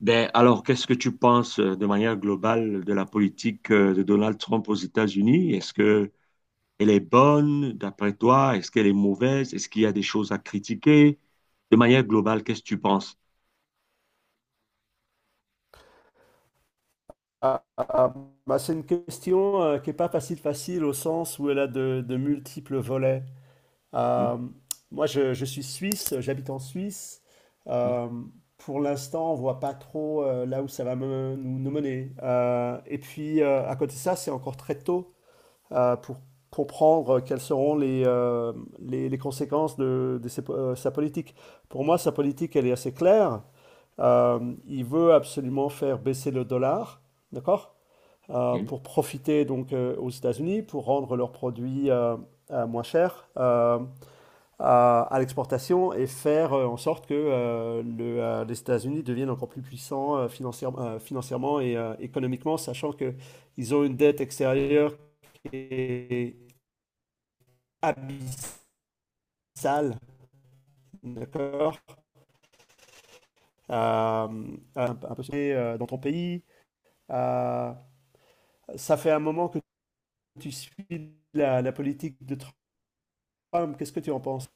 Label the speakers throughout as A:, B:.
A: Ben, alors, qu'est-ce que tu penses de manière globale de la politique de Donald Trump aux États-Unis? Est-ce que elle est bonne d'après toi? Est-ce qu'elle est mauvaise? Est-ce qu'il y a des choses à critiquer? De manière globale, qu'est-ce que tu penses?
B: Ah, ah, bah, c'est une question qui n'est pas facile facile au sens où elle a de multiples volets.
A: Hein?
B: Euh, Moi, je suis suisse, j'habite en Suisse.
A: Hein?
B: Euh, pour l'instant, on voit pas trop là où ça va nous, nous mener. Et puis, à côté de ça, c'est encore très tôt pour comprendre quelles seront les conséquences de sa politique. Pour moi, sa politique, elle est assez claire. Il veut absolument faire baisser le dollar, d'accord?
A: Hein?
B: Pour profiter donc aux États-Unis, pour rendre leurs produits moins chers à l'exportation et faire en sorte que les États-Unis deviennent encore plus puissants financièrement et économiquement, sachant que ils ont une dette extérieure qui est abyssale, d'accord? Euh, un peu dans ton pays. Euh, Ça fait un moment que tu suis la politique de Trump. Qu'est-ce que tu en penses?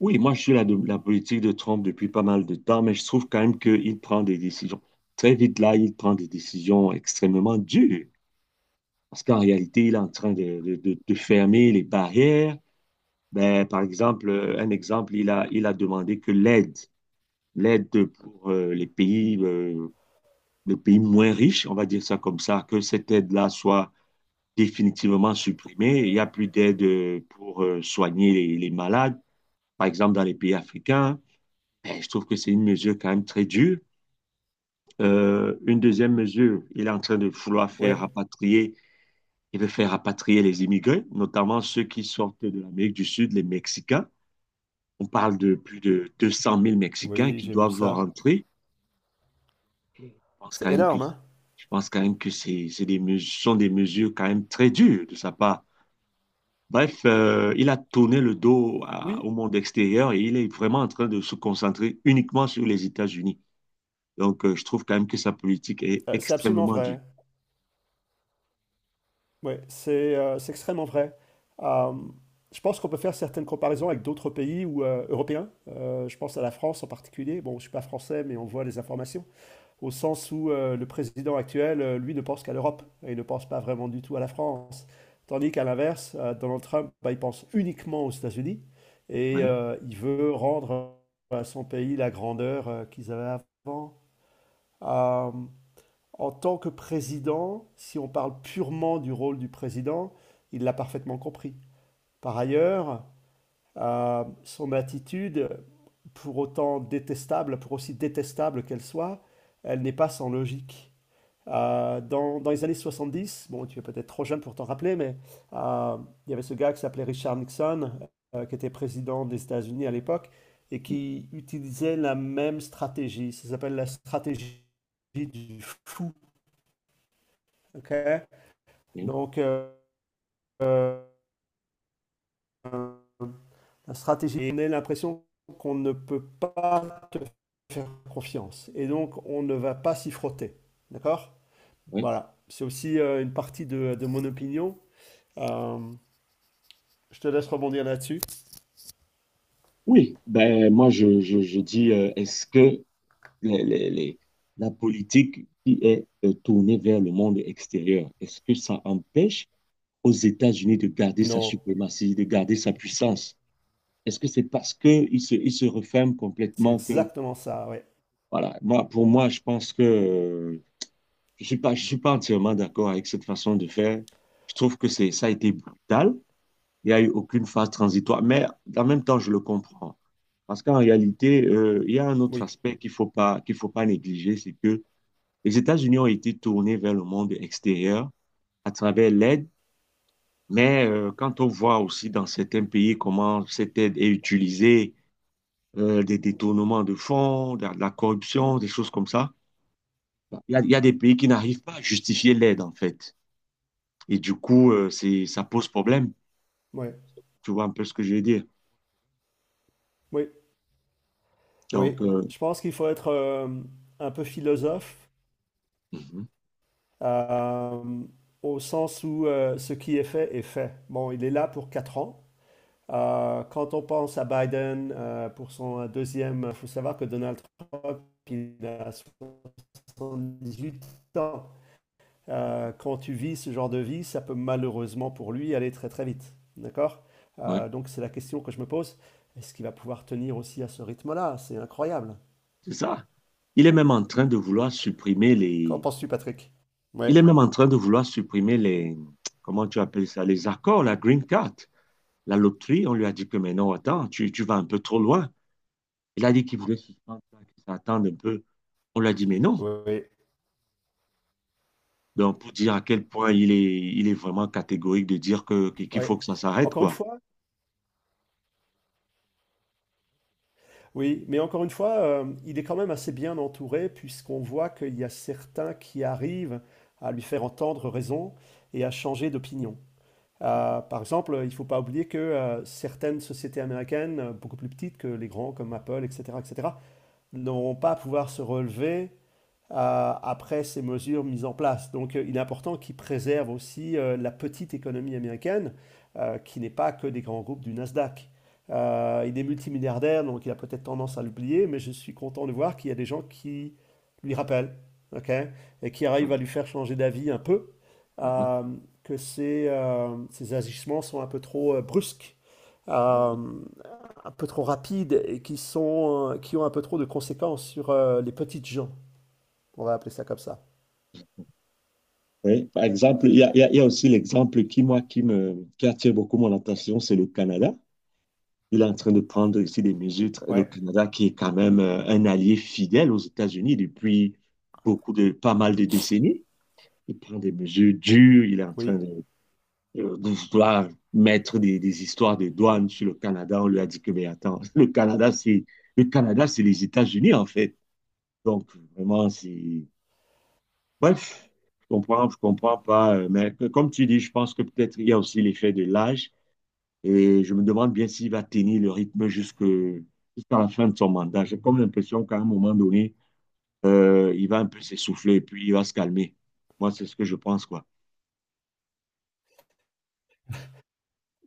A: Oui, moi, je suis la, de la politique de Trump depuis pas mal de temps, mais je trouve quand même qu'il prend des décisions. Très vite, là, il prend des décisions extrêmement dures, parce qu'en réalité, il est en train de, de fermer les barrières. Ben, par exemple, un exemple, il a demandé que l'aide l'aide pour les pays moins riches, on va dire ça comme ça, que cette aide-là soit définitivement supprimée. Il n'y a plus d'aide pour soigner les malades, par exemple dans les pays africains. Ben, je trouve que c'est une mesure quand même très dure. Une deuxième mesure, il est en train de vouloir faire
B: Ouais.
A: rapatrier, il veut faire rapatrier les immigrés, notamment ceux qui sortent de l'Amérique du Sud, les Mexicains. On parle de plus de 200 000 Mexicains
B: Oui,
A: qui
B: j'ai vu
A: doivent
B: ça.
A: rentrer. Je pense quand
B: C'est
A: même que,
B: énorme, hein?
A: je pense quand même que c'est des mesures, sont des mesures quand même très dures de sa part. Bref, il a tourné le dos
B: Oui,
A: au monde extérieur et il est vraiment en train de se concentrer uniquement sur les États-Unis. Donc, je trouve quand même que sa politique est
B: c'est absolument
A: extrêmement dure.
B: vrai. Oui, c'est extrêmement vrai. Euh, je pense qu'on peut faire certaines comparaisons avec d'autres pays ou, européens. Je pense à la France en particulier. Bon, je ne suis pas français, mais on voit les informations. Au sens où le président actuel, lui, ne pense qu'à l'Europe et il ne pense pas vraiment du tout à la France. Tandis qu'à l'inverse, Donald Trump, bah, il pense uniquement aux États-Unis et
A: Oui,
B: il veut rendre à son pays la grandeur qu'ils avaient avant. Euh, En tant que président, si on parle purement du rôle du président, il l'a parfaitement compris. Par ailleurs, son attitude, pour autant détestable, pour aussi détestable qu'elle soit, elle n'est pas sans logique. Dans les années 70, bon, tu es peut-être trop jeune pour t'en rappeler, mais euh, il y avait ce gars qui s'appelait Richard Nixon, qui était président des États-Unis à l'époque, et qui utilisait la même stratégie. Ça s'appelle la stratégie du fou. Ok.
A: oui,
B: Donc, euh, la stratégie, on a l'impression qu'on ne peut pas te faire confiance. Et donc, on ne va pas s'y frotter. D'accord.
A: oui.
B: Voilà. C'est aussi une partie de mon opinion. Euh, je te laisse rebondir là-dessus.
A: Oui, ben, moi, je dis, est-ce que les, la politique qui est tournée vers le monde extérieur, est-ce que ça empêche aux États-Unis de garder sa
B: Non,
A: suprématie, de garder sa puissance? Est-ce que c'est parce qu'ils se, ils se referment
B: c'est
A: complètement que,
B: exactement ça. Ouais.
A: voilà, moi, pour moi, je pense que je ne suis pas, je suis pas entièrement d'accord avec cette façon de faire. Je trouve que ça a été brutal. Il n'y a eu aucune phase transitoire, mais en même temps, je le comprends. Parce qu'en réalité, il y a un autre
B: Oui,
A: aspect qu'il ne faut pas, qu'il faut pas négliger, c'est que les États-Unis ont été tournés vers le monde extérieur à travers l'aide. Mais quand on voit aussi dans certains pays comment cette aide est utilisée, des détournements de fonds, de la corruption, des choses comme ça, bon, il y a des pays qui n'arrivent pas à justifier l'aide en fait. Et du coup, c'est, ça pose problème.
B: oui,
A: Tu vois un peu ce que je veux dire.
B: oui, oui.
A: Donc,
B: Je pense qu'il faut être un peu philosophe
A: mhm,
B: euh, au sens où ce qui est fait est fait. Bon, il est là pour 4 ans. Quand on pense à Biden pour son deuxième, il faut savoir que Donald Trump, il a 78 ans. Quand tu vis ce genre de vie, ça peut malheureusement pour lui aller très très vite. D'accord?
A: ouais,
B: Donc c'est la question que je me pose. Est-ce qu'il va pouvoir tenir aussi à ce rythme-là? C'est incroyable.
A: c'est ça. Il est même en train de vouloir supprimer
B: Qu'en
A: les…
B: penses-tu, Patrick?
A: Il
B: Ouais,
A: est même en train de vouloir supprimer les… Comment tu appelles ça? Les accords, la green card, la loterie. On lui a dit que, mais non, attends, tu vas un peu trop loin. Il a dit qu'il voulait suspendre, qu'il s'attende un peu. On lui a dit, mais non.
B: ouais, ouais.
A: Donc, pour dire à quel point il est vraiment catégorique de dire que, qu'il
B: Ouais.
A: faut que ça s'arrête,
B: Encore une
A: quoi.
B: fois. Oui, mais encore une fois, il est quand même assez bien entouré puisqu'on voit qu'il y a certains qui arrivent à lui faire entendre raison et à changer d'opinion. Par exemple, il ne faut pas oublier que certaines sociétés américaines, beaucoup plus petites que les grands comme Apple, etc., etc., n'auront pas à pouvoir se relever après ces mesures mises en place. Donc il est important qu'ils préservent aussi la petite économie américaine, qui n'est pas que des grands groupes du Nasdaq. Il est multimilliardaire, donc il a peut-être tendance à l'oublier, mais je suis content de voir qu'il y a des gens qui lui rappellent, okay, et qui arrivent
A: Mhm,
B: à lui faire changer d'avis un peu,
A: mhm.
B: euh, que ces agissements sont un peu trop brusques. Euh, un peu trop rapides et qui ont un peu trop de conséquences sur les petites gens. On va appeler ça comme ça.
A: Oui, par exemple, il y a aussi l'exemple qui, moi, qui attire beaucoup mon attention, c'est le Canada. Il est en train de prendre ici des mesures. Le
B: Ouais,
A: Canada, qui est quand même un allié fidèle aux États-Unis depuis beaucoup de, pas mal de décennies. Il prend des mesures dures, il est en train
B: oui.
A: de vouloir mettre des histoires de douane sur le Canada. On lui a dit que, mais attends, le Canada, c'est les États-Unis, en fait. Donc, vraiment, c'est… Bref, je comprends pas. Mais comme tu dis, je pense que peut-être il y a aussi l'effet de l'âge. Et je me demande bien s'il va tenir le rythme jusque, jusqu'à la fin de son mandat. J'ai comme l'impression qu'à un moment donné, il va un peu s'essouffler et puis il va se calmer. Moi, c'est ce que je pense, quoi.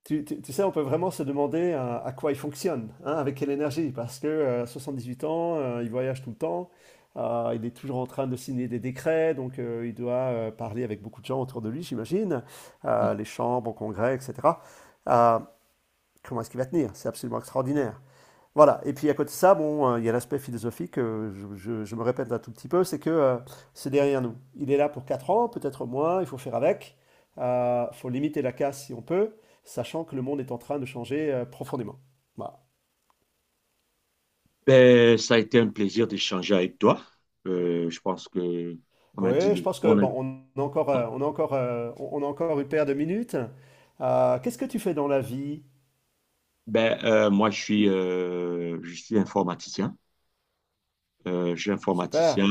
B: Tu sais, on peut vraiment se demander quoi il fonctionne, hein, avec quelle énergie, parce que 78 ans, il voyage tout le temps, il est toujours en train de signer des décrets, donc il doit parler avec beaucoup de gens autour de lui, j'imagine,
A: Mm.
B: les chambres, au congrès, etc. Euh, Comment est-ce qu'il va tenir? C'est absolument extraordinaire. Voilà, et puis à côté de ça, bon, il y a l'aspect philosophique, je me répète un tout petit peu, c'est que c'est derrière nous. Il est là pour 4 ans, peut-être moins, il faut faire avec, il faut limiter la casse si on peut, sachant que le monde est en train de changer profondément. Voilà.
A: Ben, ça a été un plaisir d'échanger avec toi. Je pense que on a
B: Oui, je
A: dit,
B: pense que
A: on a-
B: bon, on a encore une paire de minutes. Qu'est-ce que tu fais dans la vie?
A: ben, moi, je suis informaticien. Je suis
B: Super.
A: informaticien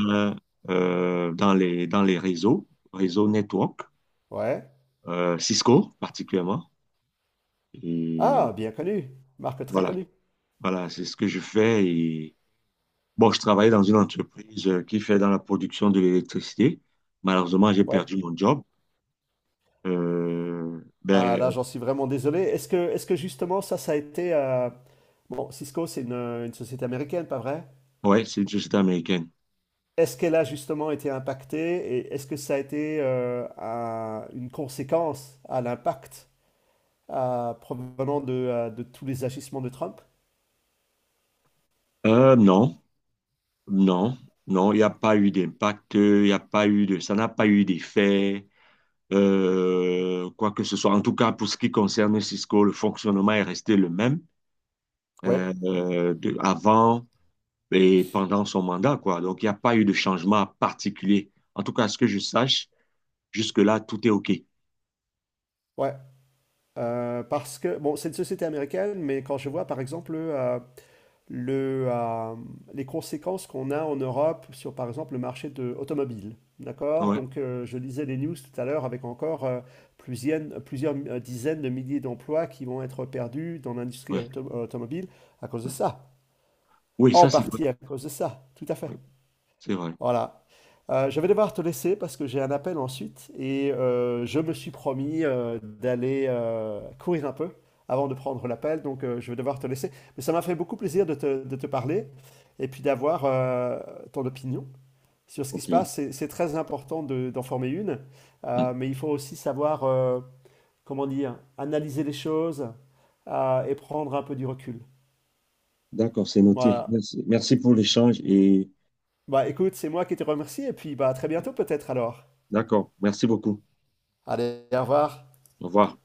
A: dans les réseaux, réseaux network,
B: Ouais.
A: Cisco particulièrement. Et
B: Ah, bien connu. Marque très
A: voilà,
B: connue.
A: voilà, c'est ce que je fais. Et bon, je travaillais dans une entreprise qui fait dans la production de l'électricité. Malheureusement, j'ai
B: Ouais.
A: perdu mon job.
B: Ah là,
A: Ben,
B: j'en suis vraiment désolé. Est-ce que justement ça, ça a été. Bon, Cisco, c'est une société américaine, pas vrai?
A: ouais, c'est une société américaine.
B: Est-ce qu'elle a justement été impactée et est-ce que ça a été une conséquence à l'impact provenant de tous les agissements de Trump?
A: Non, non, non, il n'y a pas eu d'impact, il n'y a pas eu de, ça n'a pas eu d'effet, quoi que ce soit. En tout cas, pour ce qui concerne Cisco, le fonctionnement est resté le même,
B: Ouais,
A: avant et pendant son mandat, quoi. Donc, il n'y a pas eu de changement particulier. En tout cas, à ce que je sache, jusque-là, tout est OK.
B: ouais. Parce que, bon, c'est une société américaine, mais quand je vois par exemple... le, euh, les conséquences qu'on a en Europe sur, par exemple, le marché de automobile. D'accord?
A: Ouais,
B: Donc, je lisais les news tout à l'heure avec encore plusieurs, plusieurs dizaines de milliers d'emplois qui vont être perdus dans l'industrie
A: ouais,
B: automobile à cause de
A: ouais.
B: ça.
A: Oui,
B: En
A: ça, c'est vrai.
B: partie à cause de ça, tout à fait.
A: Oui, c'est vrai.
B: Voilà. Je vais devoir te laisser parce que j'ai un appel ensuite et je me suis promis d'aller courir un peu avant de prendre l'appel, donc je vais devoir te laisser. Mais ça m'a fait beaucoup plaisir de de te parler et puis d'avoir ton opinion sur ce qui se
A: OK.
B: passe. C'est très important d'en former une,
A: Hmm.
B: mais il faut aussi savoir, comment dire, analyser les choses et prendre un peu du recul.
A: D'accord, c'est noté.
B: Voilà.
A: Merci. Merci pour l'échange et
B: Bah écoute, c'est moi qui te remercie et puis bah à très bientôt peut-être alors.
A: d'accord, merci beaucoup.
B: Allez, au revoir.
A: Au revoir.